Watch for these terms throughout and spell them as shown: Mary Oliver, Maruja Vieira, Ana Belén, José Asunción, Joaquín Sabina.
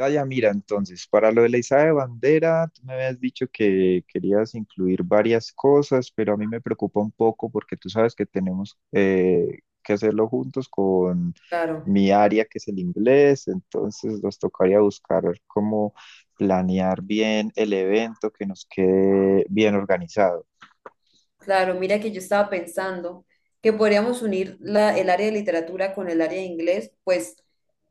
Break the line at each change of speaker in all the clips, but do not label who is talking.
Ah, ya, mira, entonces, para lo de la izada de bandera, tú me habías dicho que querías incluir varias cosas, pero a mí me preocupa un poco porque tú sabes que tenemos que hacerlo juntos con
Claro,
mi área, que es el inglés, entonces nos tocaría buscar cómo planear bien el evento que nos quede bien organizado.
claro. Mira que yo estaba pensando que podríamos unir el área de literatura con el área de inglés, pues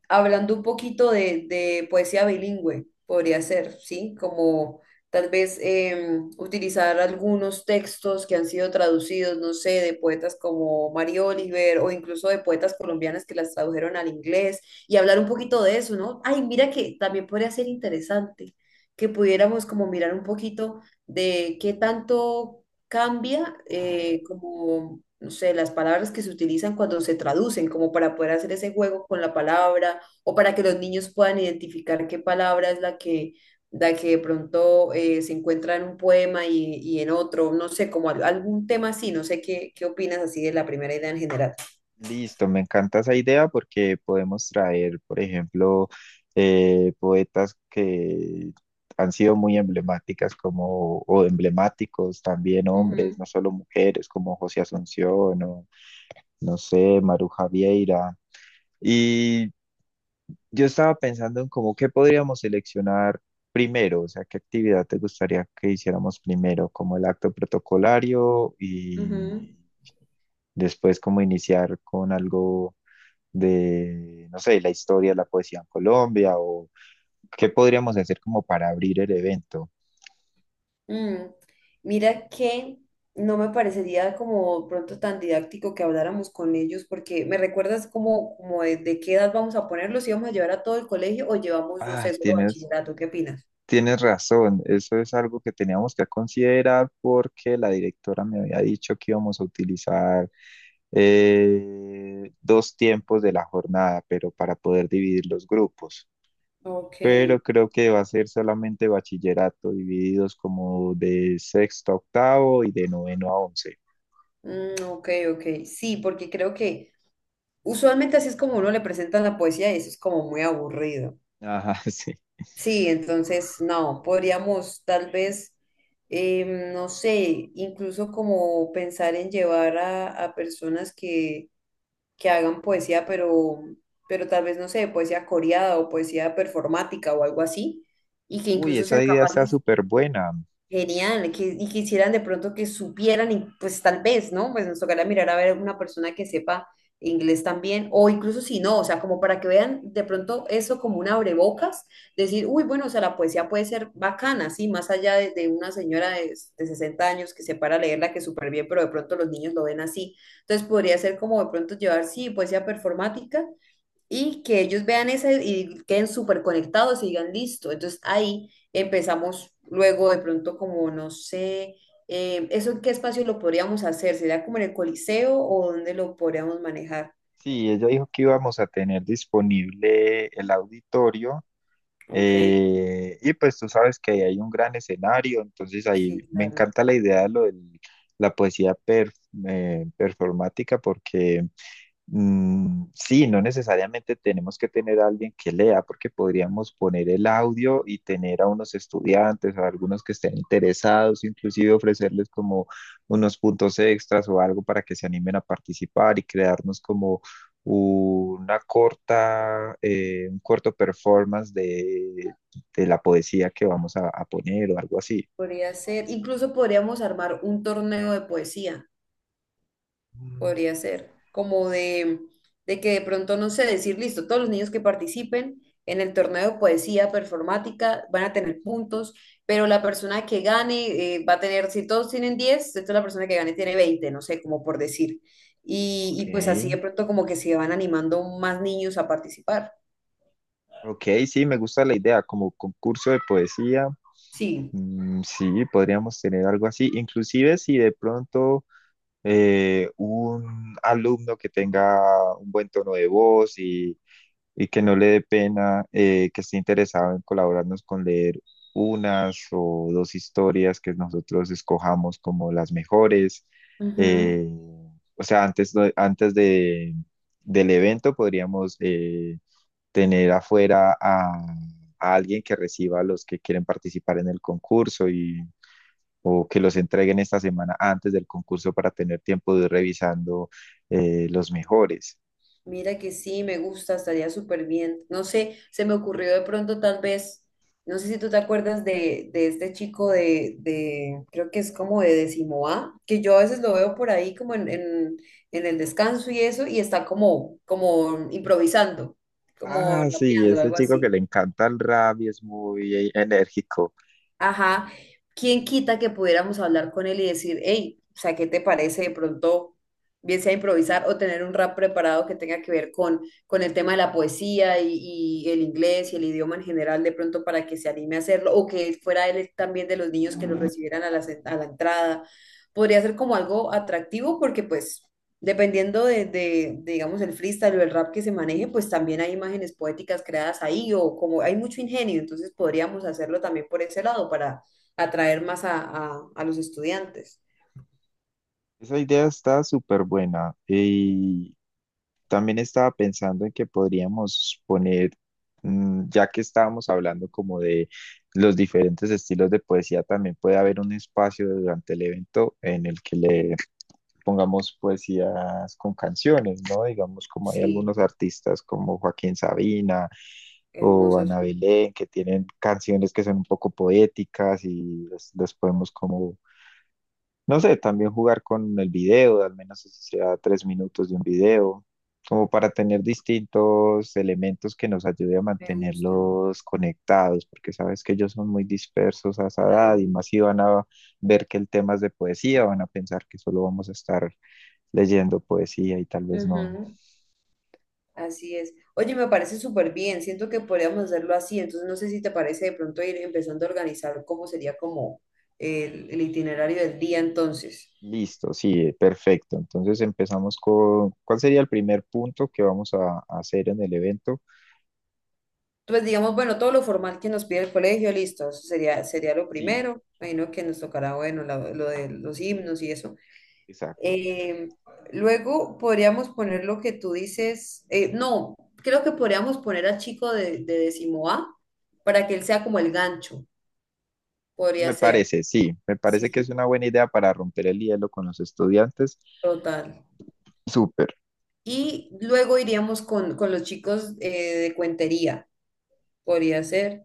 hablando un poquito de poesía bilingüe, podría ser, ¿sí? Como tal vez utilizar algunos textos que han sido traducidos, no sé, de poetas como Mary Oliver o incluso de poetas colombianas que las tradujeron al inglés y hablar un poquito de eso, ¿no? Ay, mira que también podría ser interesante que pudiéramos como mirar un poquito de qué tanto cambia como, no sé, las palabras que se utilizan cuando se traducen, como para poder hacer ese juego con la palabra o para que los niños puedan identificar qué palabra es la que de pronto se encuentra en un poema y en otro, no sé, como algún tema así, no sé qué, qué opinas así de la primera idea en general.
Listo, me encanta esa idea porque podemos traer, por ejemplo, poetas que han sido muy emblemáticas como, o emblemáticos también hombres, no
Ujú,
solo mujeres, como José Asunción o, no sé, Maruja Vieira. Y yo estaba pensando en cómo qué podríamos seleccionar primero, o sea, qué actividad te gustaría que hiciéramos primero, como el acto protocolario
ujú.
y después como iniciar con algo de, no sé, la historia de la poesía en Colombia o qué podríamos hacer como para abrir el evento.
Mm, Mira que no me parecería como pronto tan didáctico que habláramos con ellos, porque me recuerdas como, como de qué edad vamos a ponerlos, si vamos a llevar a todo el colegio o llevamos, no
Ah,
sé, solo
tienes,
bachillerato, ¿qué opinas?
tienes razón, eso es algo que teníamos que considerar porque la directora me había dicho que íbamos a utilizar dos tiempos de la jornada, pero para poder dividir los grupos.
Ok,
Pero creo que va a ser solamente bachillerato, divididos como de sexto a octavo y de noveno a once.
mm, ok, ok. Sí, porque creo que usualmente así es como uno le presenta la poesía y eso es como muy aburrido.
Ajá, sí.
Sí, entonces no, podríamos tal vez, no sé, incluso como pensar en llevar a personas que hagan poesía, pero tal vez, no sé, poesía coreada o poesía performática o algo así, y que
Uy,
incluso sean
esa idea está
capaces.
súper buena.
Genial, que, y quisieran de pronto que supieran, y pues tal vez, ¿no? Pues nos tocará mirar a ver una persona que sepa inglés también, o incluso si no, o sea, como para que vean de pronto eso como un abrebocas, decir, uy, bueno, o sea, la poesía puede ser bacana, sí, más allá de una señora de 60 años que se para a leerla, que súper bien, pero de pronto los niños lo ven así. Entonces podría ser como de pronto llevar, sí, poesía performática, y que ellos vean ese y queden súper conectados y digan listo. Entonces ahí empezamos luego de pronto como, no sé, ¿eso en qué espacio lo podríamos hacer? ¿Sería como en el Coliseo o dónde lo podríamos manejar?
Sí, ella dijo que íbamos a tener disponible el auditorio
Ok,
y pues tú sabes que ahí hay un gran escenario, entonces ahí
sí,
me
claro.
encanta la idea de lo de la performática porque... Mm, sí, no necesariamente tenemos que tener a alguien que lea, porque podríamos poner el audio y tener a unos estudiantes, a algunos que estén interesados, inclusive ofrecerles como unos puntos extras o algo para que se animen a participar y crearnos como una corta, un corto performance de la poesía que vamos a poner o algo así.
Podría ser, incluso podríamos armar un torneo de poesía.
Mm.
Podría ser, como de que de pronto, no sé, decir, listo, todos los niños que participen en el torneo de poesía performática van a tener puntos, pero la persona que gane va a tener, si todos tienen 10 entonces la persona que gane tiene 20, no sé, como por decir.
Ok,
Y pues así de pronto como que se van animando más niños a participar.
ok, sí, me gusta la idea, como concurso de poesía.
Sí.
Mm, sí, podríamos tener algo así. Inclusive si de pronto un alumno que tenga un buen tono de voz y, que no le dé pena, que esté interesado en colaborarnos con leer unas o dos historias que nosotros escojamos como las mejores.
Ujú.
eh, o sea, antes del evento podríamos tener afuera a alguien que reciba a los que quieren participar en el concurso y o que los entreguen esta semana antes del concurso para tener tiempo de ir revisando los mejores.
Mira que sí, me gusta, estaría súper bien. No sé, se me ocurrió de pronto tal vez, no sé si tú te acuerdas de este chico creo que es como de décimo A, que yo a veces lo veo por ahí como en el descanso y eso, y está como, como improvisando, como
Ah, sí,
rapeando,
este
algo
chico que le
así.
encanta el rap y es muy enérgico.
Ajá, ¿quién quita que pudiéramos hablar con él y decir, hey, o sea, ¿qué te parece de pronto, bien sea improvisar o tener un rap preparado que tenga que ver con el tema de la poesía y el inglés y el idioma en general, de pronto para que se anime a hacerlo o que fuera él también de los niños que los recibieran a la, a la entrada? Podría ser como algo atractivo porque pues... Dependiendo de, digamos, el freestyle o el rap que se maneje, pues también hay imágenes poéticas creadas ahí o como hay mucho ingenio, entonces podríamos hacerlo también por ese lado para atraer más a los estudiantes.
Esa idea está súper buena. Y también estaba pensando en que podríamos poner, mm, ya que estábamos hablando como de los diferentes estilos de poesía, también puede haber un espacio durante el evento en el que le pongamos poesías con canciones, ¿no? Digamos, como hay algunos
Sí,
artistas como Joaquín Sabina o
hermoso,
Ana
sí,
Belén, que tienen canciones que son un poco poéticas y las podemos como, no sé, también jugar con el video, al menos si sea 3 minutos de un video, como para tener distintos elementos que nos ayude a
me gusta,
mantenerlos conectados, porque sabes que ellos son muy dispersos a esa edad y
claro.
más si van a ver que el tema es de poesía, van a pensar que solo vamos a estar leyendo poesía y tal vez no.
Ujú, así es. Oye, me parece súper bien, siento que podríamos hacerlo así, entonces no sé si te parece de pronto ir empezando a organizar cómo sería como el itinerario del día entonces.
Listo, sí, perfecto. Entonces empezamos con, ¿cuál sería el primer punto que vamos a hacer en el evento?
Pues digamos, bueno, todo lo formal que nos pide el colegio, listo, eso sería, sería lo
Sí,
primero. Imagino que nos tocará, bueno, lo de los himnos y eso.
exacto.
Eh, luego podríamos poner lo que tú dices, no, creo que podríamos poner al chico de décimo A para que él sea como el gancho, podría
Me
ser.
parece, sí, me
Sí,
parece que es
sí,
una buena idea para romper el hielo con los estudiantes.
total.
Súper,
Y luego iríamos con los chicos de cuentería, podría ser.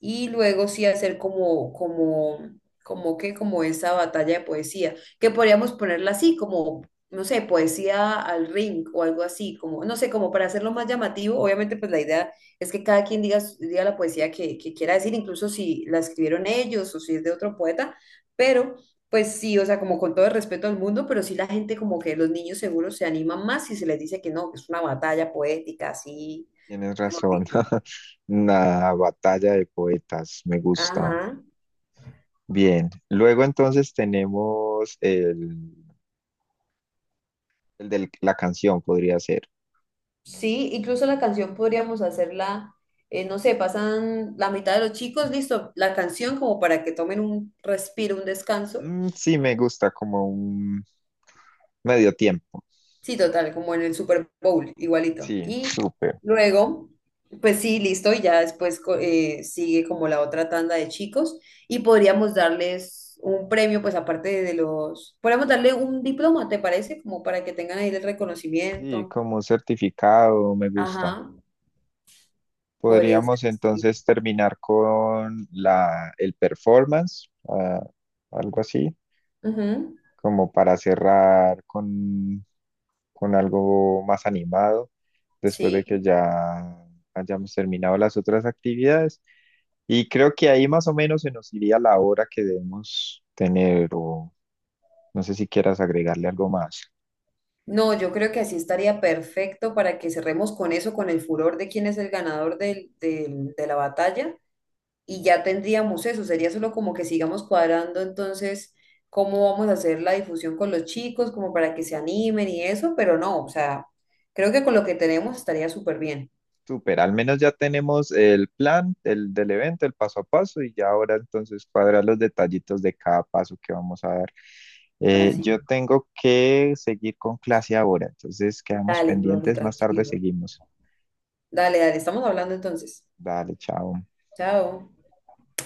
Y luego sí hacer como, como, como que, como esa batalla de poesía, que podríamos ponerla así, como, no sé, poesía al ring o algo así, como, no sé, como para hacerlo más llamativo, obviamente pues la idea es que cada quien diga, diga la poesía que quiera decir, incluso si la escribieron ellos o si es de otro poeta, pero... Pues sí, o sea, como con todo el respeto al mundo, pero sí la gente como que los niños seguros se animan más si se les dice que no, que es una batalla poética, así,
tienes
mejor
razón.
dicho.
Una batalla de poetas, me gusta.
Ajá.
Bien, luego entonces tenemos el de la canción, podría ser.
Sí, incluso la canción podríamos hacerla, no sé, pasan la mitad de los chicos, listo, la canción como para que tomen un respiro, un descanso.
Mm, sí, me gusta como un medio tiempo.
Sí, total, como en el Super Bowl, igualito.
Sí,
Y
súper.
luego, pues sí, listo, y ya después sigue como la otra tanda de chicos y podríamos darles un premio, pues aparte de los, podríamos darle un diploma, ¿te parece? Como para que tengan ahí el
Sí,
reconocimiento.
como un certificado, me gusta.
Ajá, podría ser
Podríamos
así.
entonces terminar con el performance, ah, algo así,
Ujú,
como para cerrar con algo más animado, después de que
sí.
ya hayamos terminado las otras actividades. Y creo que ahí más o menos se nos iría la hora que debemos tener, o no sé si quieras agregarle algo más.
No, yo creo que así estaría perfecto para que cerremos con eso, con el furor de quién es el ganador de la batalla y ya tendríamos eso. Sería solo como que sigamos cuadrando entonces cómo vamos a hacer la difusión con los chicos, como para que se animen y eso, pero no, o sea, creo que con lo que tenemos estaría súper bien.
Súper, al menos ya tenemos el plan del evento, el paso a paso, y ya ahora entonces cuadrar los detallitos de cada paso que vamos a dar. Yo
Así,
tengo que seguir con clase ahora, entonces quedamos
dale, profe,
pendientes, más tarde
tranquilo.
seguimos.
Dale, dale, estamos hablando entonces.
Dale, chao.
Chao.